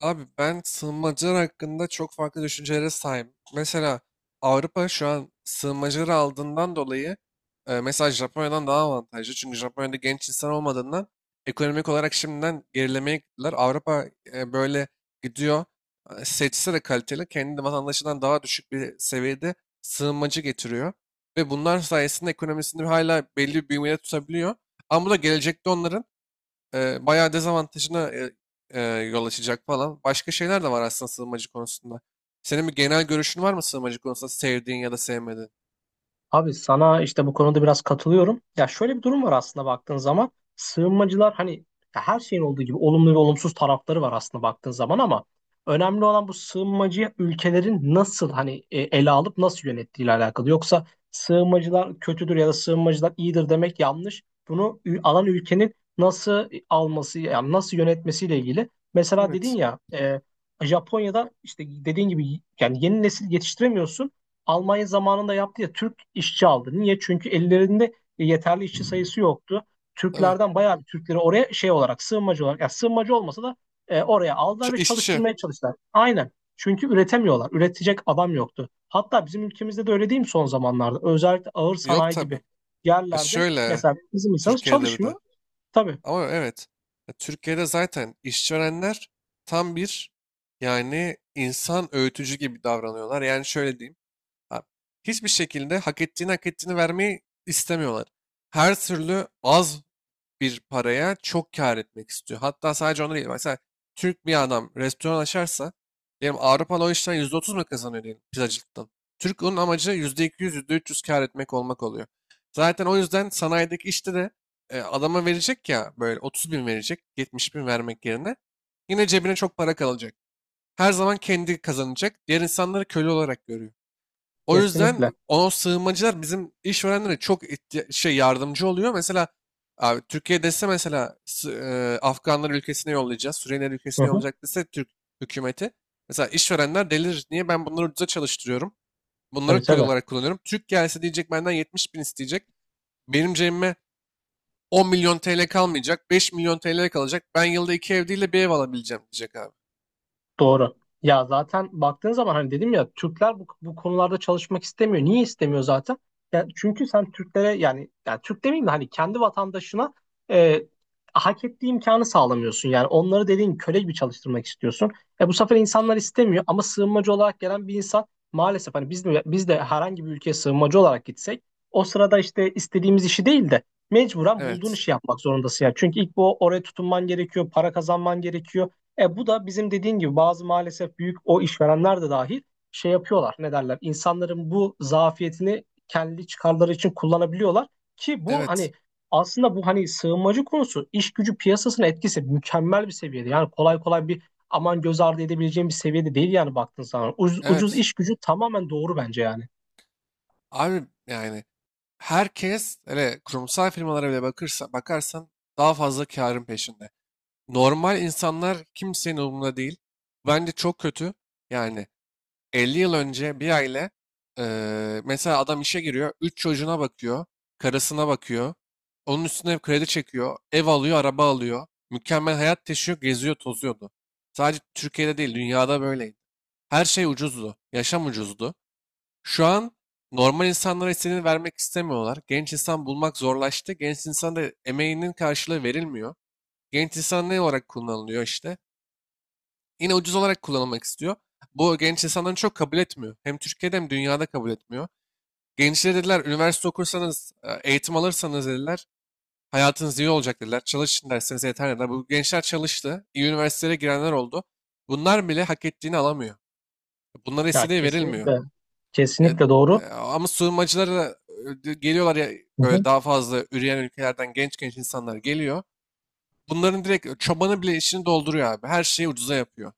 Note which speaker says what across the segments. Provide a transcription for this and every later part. Speaker 1: Abi ben sığınmacılar hakkında çok farklı düşüncelere sahibim. Mesela Avrupa şu an sığınmacıları aldığından dolayı mesela Japonya'dan daha avantajlı. Çünkü Japonya'da genç insan olmadığından ekonomik olarak şimdiden gerilemeye gittiler. Avrupa böyle gidiyor. Seçse de kaliteli kendi vatandaşından daha düşük bir seviyede sığınmacı getiriyor. Ve bunlar sayesinde ekonomisini hala belli bir büyümeye tutabiliyor. Ama bu da gelecekte onların bayağı dezavantajına yol açacak falan. Başka şeyler de var aslında sığınmacı konusunda. Senin bir genel görüşün var mı sığınmacı konusunda sevdiğin ya da sevmediğin?
Speaker 2: Abi sana işte bu konuda biraz katılıyorum. Ya şöyle bir durum var aslında baktığın zaman. Sığınmacılar hani ya her şeyin olduğu gibi olumlu ve olumsuz tarafları var aslında baktığın zaman ama önemli olan bu sığınmacıya ülkelerin nasıl hani ele alıp nasıl yönettiğiyle alakalı. Yoksa sığınmacılar kötüdür ya da sığınmacılar iyidir demek yanlış. Alan ülkenin nasıl alması yani nasıl yönetmesiyle ilgili. Mesela dedin
Speaker 1: Evet,
Speaker 2: ya Japonya'da işte dediğin gibi yani yeni nesil yetiştiremiyorsun. Almanya zamanında yaptı ya Türk işçi aldı. Niye? Çünkü ellerinde yeterli işçi sayısı yoktu.
Speaker 1: tabii.
Speaker 2: Türklerden bayağı bir Türkleri oraya şey olarak sığınmacı olarak ya sığınmacı olmasa da oraya aldılar ve
Speaker 1: İşçi.
Speaker 2: çalıştırmaya çalıştılar. Aynen. Çünkü üretemiyorlar. Üretecek adam yoktu. Hatta bizim ülkemizde de öyle değil mi son zamanlarda? Özellikle ağır
Speaker 1: Yok
Speaker 2: sanayi
Speaker 1: tabii.
Speaker 2: gibi
Speaker 1: Ya
Speaker 2: yerlerde
Speaker 1: şöyle
Speaker 2: mesela bizim insanımız
Speaker 1: Türkiye'de bir de.
Speaker 2: çalışmıyor. Tabii.
Speaker 1: Ama evet. Ya Türkiye'de zaten işverenler tam bir yani insan öğütücü gibi davranıyorlar. Yani şöyle diyeyim. ha, Hiçbir şekilde hak ettiğini vermeyi istemiyorlar. Her türlü az bir paraya çok kâr etmek istiyor. Hatta sadece onu değil. Mesela Türk bir adam restoran açarsa diyelim Avrupalı o işten %30 mu kazanıyor diyelim pizzacılıktan. Türk onun amacı yüzde iki, %300 kâr etmek olmak oluyor. Zaten o yüzden sanayideki işte de adama verecek ya böyle 30.000 verecek 70.000 vermek yerine yine cebine çok para kalacak. Her zaman kendi kazanacak. Diğer insanları köle olarak görüyor. O yüzden
Speaker 2: Kesinlikle.
Speaker 1: o sığınmacılar bizim işverenlere çok yardımcı oluyor. Mesela abi Türkiye dese mesela Afganlar ülkesine yollayacağız, Suriyeliler
Speaker 2: Hı
Speaker 1: ülkesine
Speaker 2: hı.
Speaker 1: yollayacak dese Türk hükümeti. Mesela işverenler delir. Niye ben bunları ucuza çalıştırıyorum? Bunları
Speaker 2: Tabii,
Speaker 1: köle
Speaker 2: tabii.
Speaker 1: olarak kullanıyorum. Türk gelse diyecek benden 70 bin isteyecek. Benim cebime 10 milyon TL kalmayacak. 5 milyon TL kalacak. Ben yılda iki ev değil de bir ev alabileceğim diyecek abi.
Speaker 2: Doğru. Ya zaten baktığın zaman hani dedim ya Türkler bu konularda çalışmak istemiyor. Niye istemiyor zaten? Yani çünkü sen Türklere yani Türk demeyeyim de hani kendi vatandaşına e, hak ettiği imkanı sağlamıyorsun. Yani onları dediğin köle gibi çalıştırmak istiyorsun. Bu sefer insanlar istemiyor ama sığınmacı olarak gelen bir insan maalesef hani biz de herhangi bir ülkeye sığınmacı olarak gitsek o sırada işte istediğimiz işi değil de mecburen bulduğun
Speaker 1: Evet.
Speaker 2: işi yapmak zorundasın. Yani çünkü ilk bu oraya tutunman gerekiyor, para kazanman gerekiyor. E bu da bizim dediğin gibi bazı maalesef büyük o işverenler de dahil şey yapıyorlar. Ne derler? İnsanların bu zafiyetini kendi çıkarları için kullanabiliyorlar ki bu
Speaker 1: Evet.
Speaker 2: hani aslında bu hani sığınmacı konusu iş gücü piyasasına etkisi mükemmel bir seviyede. Yani kolay kolay bir aman göz ardı edebileceğim bir seviyede değil yani baktın sana. Ucuz
Speaker 1: Evet.
Speaker 2: iş gücü tamamen doğru bence yani.
Speaker 1: Abi yani herkes hele kurumsal firmalara bile bakarsan daha fazla karın peşinde. Normal insanlar kimsenin umurunda değil. Bence çok kötü. Yani 50 yıl önce bir aile mesela adam işe giriyor, 3 çocuğuna bakıyor, karısına bakıyor. Onun üstüne kredi çekiyor, ev alıyor, araba alıyor. Mükemmel hayat yaşıyor, geziyor, tozuyordu. Sadece Türkiye'de değil, dünyada böyleydi. Her şey ucuzdu, yaşam ucuzdu. Şu an normal insanlara istediğini vermek istemiyorlar. Genç insan bulmak zorlaştı. Genç insan da emeğinin karşılığı verilmiyor. Genç insan ne olarak kullanılıyor işte? Yine ucuz olarak kullanılmak istiyor. Bu genç insanların çok kabul etmiyor. Hem Türkiye'de hem dünyada kabul etmiyor. Gençlere dediler üniversite okursanız, eğitim alırsanız dediler hayatınız iyi olacak dediler. Çalışın derseniz yeter dediler. Bu gençler çalıştı. İyi üniversitelere girenler oldu. Bunlar bile hak ettiğini alamıyor. Bunlara
Speaker 2: Ya
Speaker 1: istediği verilmiyor.
Speaker 2: kesinlikle,
Speaker 1: Ya,
Speaker 2: kesinlikle doğru.
Speaker 1: ama sığınmacılar da, geliyorlar ya
Speaker 2: Hı
Speaker 1: böyle
Speaker 2: hı.
Speaker 1: daha fazla üreyen ülkelerden genç genç insanlar geliyor. Bunların direkt çobanı bile işini dolduruyor abi. Her şeyi ucuza yapıyor.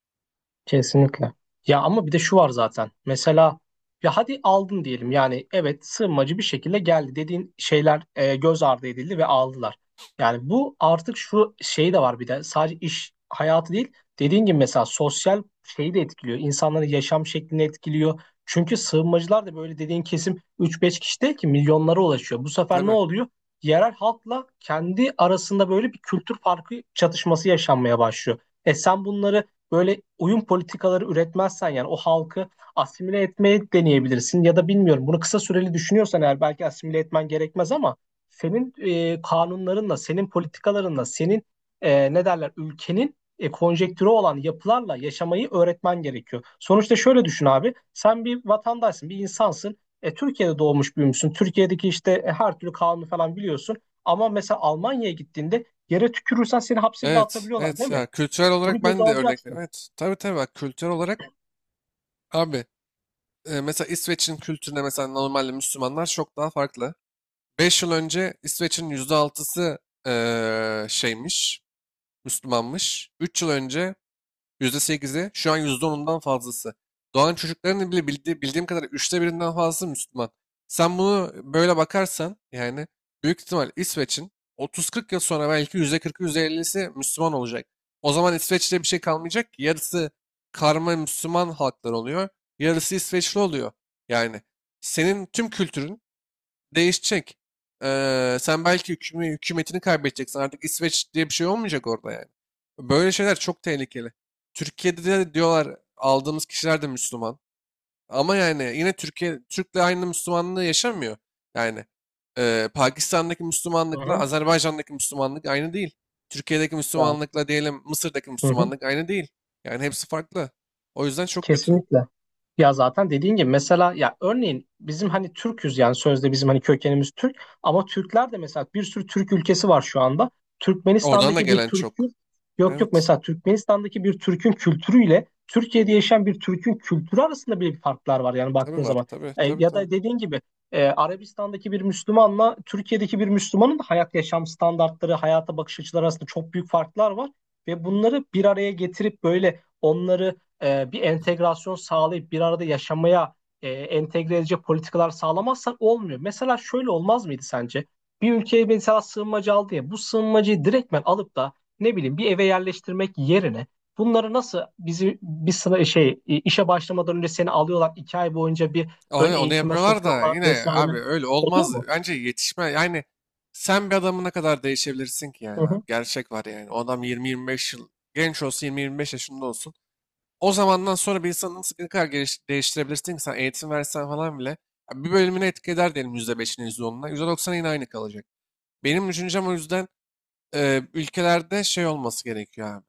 Speaker 2: Kesinlikle. Ya ama bir de şu var zaten. Mesela ya hadi aldın diyelim. Yani evet sığınmacı bir şekilde geldi dediğin şeyler göz ardı edildi ve aldılar. Yani bu artık şu şey de var bir de sadece iş hayatı değil. Dediğin gibi mesela sosyal şeyi de etkiliyor. İnsanların yaşam şeklini etkiliyor. Çünkü sığınmacılar da böyle dediğin kesim 3-5 kişi değil ki milyonlara ulaşıyor. Bu sefer ne
Speaker 1: Tabii.
Speaker 2: oluyor? Yerel halkla kendi arasında böyle bir kültür farkı çatışması yaşanmaya başlıyor. E sen bunları böyle uyum politikaları üretmezsen yani o halkı asimile etmeye deneyebilirsin ya da bilmiyorum bunu kısa süreli düşünüyorsan eğer belki asimile etmen gerekmez ama senin kanunlarınla, senin politikalarınla, senin ne derler ülkenin konjektürü olan yapılarla yaşamayı öğretmen gerekiyor. Sonuçta şöyle düşün abi, sen bir vatandaşsın, bir insansın. Türkiye'de doğmuş büyümüşsün. Türkiye'deki işte her türlü kanunu falan biliyorsun. Ama mesela Almanya'ya gittiğinde yere tükürürsen seni hapse bile
Speaker 1: Evet,
Speaker 2: atabiliyorlar
Speaker 1: evet
Speaker 2: değil mi?
Speaker 1: ya kültürel
Speaker 2: Bunu
Speaker 1: olarak
Speaker 2: göze
Speaker 1: ben de örnek
Speaker 2: alacaksın.
Speaker 1: veriyorum. Evet, tabii tabii bak kültürel olarak abi mesela İsveç'in kültürüne mesela normalde Müslümanlar çok daha farklı. 5 yıl önce İsveç'in %6'sı şeymiş, Müslümanmış. 3 yıl önce %8'i, şu an %10'undan fazlası. Doğan çocukların bile bildiğim kadarıyla üçte birinden fazlası Müslüman. Sen bunu böyle bakarsan yani büyük ihtimal İsveç'in 30-40 yıl sonra belki %40'ı %50'si Müslüman olacak. O zaman İsveç'te bir şey kalmayacak ki yarısı karma Müslüman halklar oluyor, yarısı İsveçli oluyor. Yani senin tüm kültürün değişecek. Sen belki hükümetini kaybedeceksin. Artık İsveç diye bir şey olmayacak orada yani. Böyle şeyler çok tehlikeli. Türkiye'de de diyorlar aldığımız kişiler de Müslüman. Ama yani yine Türkiye Türk'le aynı Müslümanlığı yaşamıyor. Yani Pakistan'daki
Speaker 2: Hı
Speaker 1: Müslümanlıkla
Speaker 2: hı.
Speaker 1: Azerbaycan'daki Müslümanlık aynı değil. Türkiye'deki
Speaker 2: Ya,
Speaker 1: Müslümanlıkla diyelim Mısır'daki
Speaker 2: hı hı.
Speaker 1: Müslümanlık aynı değil. Yani hepsi farklı. O yüzden çok kötü.
Speaker 2: Kesinlikle. Ya zaten dediğin gibi mesela ya örneğin bizim hani Türk'üz yani sözde bizim hani kökenimiz Türk ama Türkler de mesela bir sürü Türk ülkesi var şu anda.
Speaker 1: Oradan da
Speaker 2: Türkmenistan'daki bir
Speaker 1: gelen çok.
Speaker 2: Türk'ün yok yok
Speaker 1: Evet.
Speaker 2: Mesela Türkmenistan'daki bir Türk'ün kültürüyle Türkiye'de yaşayan bir Türk'ün kültürü arasında bile bir farklar var yani
Speaker 1: Tabii
Speaker 2: baktığın
Speaker 1: var.
Speaker 2: zaman.
Speaker 1: Tabii tabii
Speaker 2: Ya
Speaker 1: tabii.
Speaker 2: da dediğin gibi Arabistan'daki bir Müslümanla Türkiye'deki bir Müslümanın da hayat yaşam standartları, hayata bakış açıları arasında çok büyük farklar var ve bunları bir araya getirip böyle onları bir entegrasyon sağlayıp bir arada yaşamaya entegre edici politikalar sağlamazsan olmuyor. Mesela şöyle olmaz mıydı sence? Bir ülkeye mesela sığınmacı aldı ya bu sığınmacıyı direktmen alıp da ne bileyim bir eve yerleştirmek yerine bunları nasıl bizi bir sıra işe başlamadan önce seni alıyorlar iki ay boyunca bir ön
Speaker 1: Onu
Speaker 2: eğitime
Speaker 1: yapıyorlar da
Speaker 2: sokuyorlar
Speaker 1: yine abi
Speaker 2: vesaire.
Speaker 1: öyle
Speaker 2: Oluyor
Speaker 1: olmaz.
Speaker 2: mu?
Speaker 1: Bence yetişme yani sen bir adamı ne kadar değişebilirsin ki yani
Speaker 2: Hı
Speaker 1: abi.
Speaker 2: hı.
Speaker 1: Gerçek var yani. O adam 20-25 yıl genç olsun 20-25 yaşında olsun. O zamandan sonra bir insanı nasıl ne kadar değiştirebilirsin ki sen eğitim versen falan bile. Ya bir bölümünü etki eder diyelim %5'ine %10'una. %90'a yine aynı kalacak. Benim düşüncem o yüzden ülkelerde şey olması gerekiyor abi.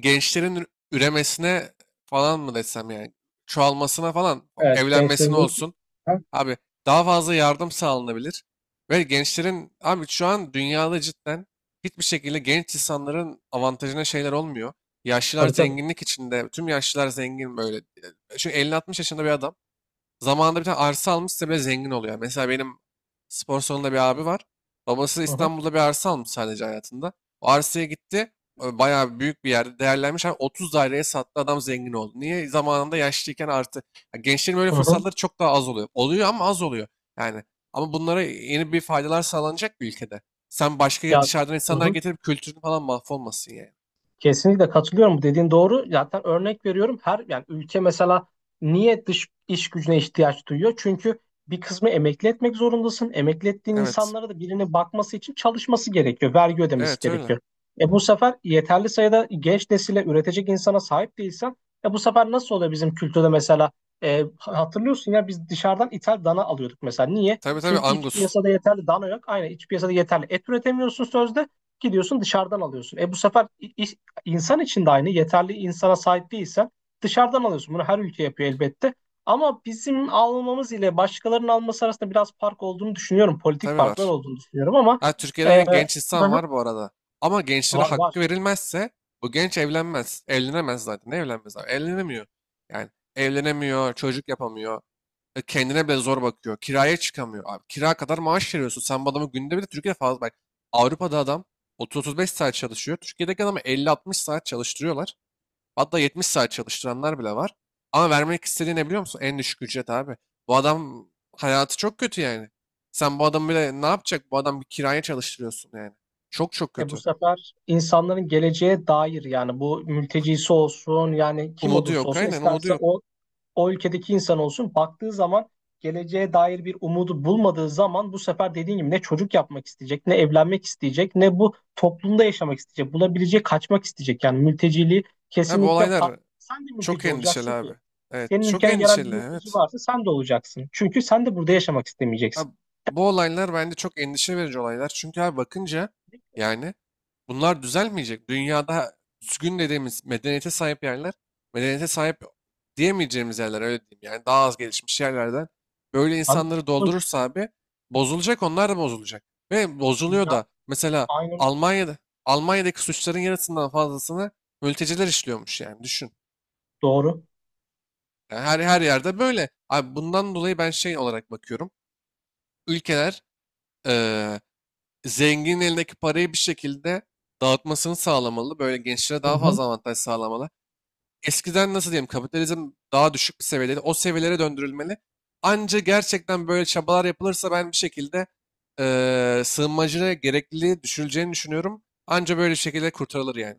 Speaker 1: Gençlerin üremesine falan mı desem yani çoğalmasına falan
Speaker 2: Evet,
Speaker 1: evlenmesine
Speaker 2: gençlerin de...
Speaker 1: olsun
Speaker 2: Ha?
Speaker 1: abi daha fazla yardım sağlanabilir. Ve gençlerin abi şu an dünyada cidden hiçbir şekilde genç insanların avantajına şeyler olmuyor. Yaşlılar
Speaker 2: Tabii, tabii.
Speaker 1: zenginlik içinde. Tüm yaşlılar zengin böyle. Çünkü 50-60 yaşında bir adam zamanında bir tane arsa almışsa bile zengin oluyor. Yani mesela benim spor salonunda bir abi var. Babası
Speaker 2: Hı hı.
Speaker 1: İstanbul'da bir arsa almış sadece hayatında. O arsaya gitti. Bayağı büyük bir yerde değerlenmiş. Abi 30 daireye sattı adam zengin oldu. Niye? Zamanında yaşlıyken artı. Ya gençlerin böyle
Speaker 2: Hı hı.
Speaker 1: fırsatları çok daha az oluyor. Oluyor ama az oluyor. Yani ama bunlara yeni bir faydalar sağlanacak bir ülkede. Sen başka
Speaker 2: Ya,
Speaker 1: dışarıdan
Speaker 2: hı
Speaker 1: insanlar
Speaker 2: hı.
Speaker 1: getirip kültürün falan mahvolmasın yani.
Speaker 2: Kesinlikle katılıyorum. Bu dediğin doğru. Zaten örnek veriyorum. Her yani ülke mesela niye dış iş gücüne ihtiyaç duyuyor? Çünkü bir kısmı emekli etmek zorundasın. Emekli ettiğin
Speaker 1: Evet.
Speaker 2: insanlara da birine bakması için çalışması gerekiyor. Vergi ödemesi
Speaker 1: Evet öyle.
Speaker 2: gerekiyor. E bu sefer yeterli sayıda genç nesile üretecek insana sahip değilsen e bu sefer nasıl oluyor bizim kültürde mesela. E, hatırlıyorsun ya biz dışarıdan ithal dana alıyorduk mesela. Niye?
Speaker 1: Tabii tabii
Speaker 2: Çünkü iç
Speaker 1: Angus.
Speaker 2: piyasada yeterli dana yok. Aynen iç piyasada yeterli et üretemiyorsun sözde gidiyorsun dışarıdan alıyorsun. İnsan için de aynı. Yeterli insana sahip değilsen dışarıdan alıyorsun. Bunu her ülke yapıyor elbette. Ama bizim almamız ile başkalarının alması arasında biraz fark olduğunu düşünüyorum. Politik
Speaker 1: Tabii
Speaker 2: farklar
Speaker 1: var.
Speaker 2: olduğunu düşünüyorum ama
Speaker 1: Ha, Türkiye'de
Speaker 2: e,
Speaker 1: yine genç
Speaker 2: hı
Speaker 1: insan
Speaker 2: hı.
Speaker 1: var bu arada. Ama gençlere
Speaker 2: var
Speaker 1: hakkı
Speaker 2: var.
Speaker 1: verilmezse bu genç evlenmez. Evlenemez zaten. Ne evlenmez abi? Evlenemiyor. Yani evlenemiyor, çocuk yapamıyor. Kendine bile zor bakıyor. Kiraya çıkamıyor. Abi, kira kadar maaş veriyorsun. Sen bu adamı günde bile Türkiye'de fazla bak. Avrupa'da adam 30-35 saat çalışıyor. Türkiye'deki adamı 50-60 saat çalıştırıyorlar. Hatta 70 saat çalıştıranlar bile var. Ama vermek istediği ne biliyor musun? En düşük ücret abi. Bu adam hayatı çok kötü yani. Sen bu adamı bile ne yapacak? Bu adam bir kiraya çalıştırıyorsun yani. Çok çok
Speaker 2: E bu
Speaker 1: kötü.
Speaker 2: sefer insanların geleceğe dair yani bu mültecisi olsun yani kim
Speaker 1: Umudu
Speaker 2: olursa
Speaker 1: yok
Speaker 2: olsun
Speaker 1: aynen umudu
Speaker 2: isterse
Speaker 1: yok.
Speaker 2: o o ülkedeki insan olsun baktığı zaman geleceğe dair bir umudu bulmadığı zaman bu sefer dediğin gibi ne çocuk yapmak isteyecek, ne evlenmek isteyecek, ne bu toplumda yaşamak isteyecek, bulabileceği kaçmak isteyecek. Yani mülteciliği
Speaker 1: Abi bu
Speaker 2: kesinlikle
Speaker 1: olaylar
Speaker 2: farklı. Sen de
Speaker 1: çok
Speaker 2: mülteci
Speaker 1: endişeli
Speaker 2: olacaksın ki.
Speaker 1: abi. Evet
Speaker 2: Senin
Speaker 1: çok
Speaker 2: ülkene gelen bir
Speaker 1: endişeli
Speaker 2: mülteci
Speaker 1: evet.
Speaker 2: varsa sen de olacaksın. Çünkü sen de burada yaşamak istemeyeceksin.
Speaker 1: Abi, bu olaylar bence çok endişe verici olaylar. Çünkü abi bakınca yani bunlar düzelmeyecek. Dünyada düzgün dediğimiz medeniyete sahip yerler, medeniyete sahip diyemeyeceğimiz yerler öyle diyeyim. Yani daha az gelişmiş yerlerden böyle
Speaker 2: Abi
Speaker 1: insanları
Speaker 2: bu
Speaker 1: doldurursa abi bozulacak onlar da bozulacak. Ve bozuluyor
Speaker 2: Dünya
Speaker 1: da mesela
Speaker 2: Aynen öyle.
Speaker 1: Almanya'da Almanya'daki suçların yarısından fazlasını mülteciler işliyormuş yani düşün.
Speaker 2: Doğru.
Speaker 1: Yani her yerde böyle. Abi bundan dolayı ben şey olarak bakıyorum. Ülkeler eee, zenginin elindeki parayı bir şekilde dağıtmasını sağlamalı. Böyle gençlere
Speaker 2: Hı
Speaker 1: daha
Speaker 2: hı.
Speaker 1: fazla avantaj sağlamalı. Eskiden nasıl diyeyim kapitalizm daha düşük bir seviyedeydi. O seviyelere döndürülmeli. Anca gerçekten böyle çabalar yapılırsa ben bir şekilde sığınmacıya gerekliliği düşürüleceğini düşünüyorum. Anca böyle şekilde kurtarılır yani.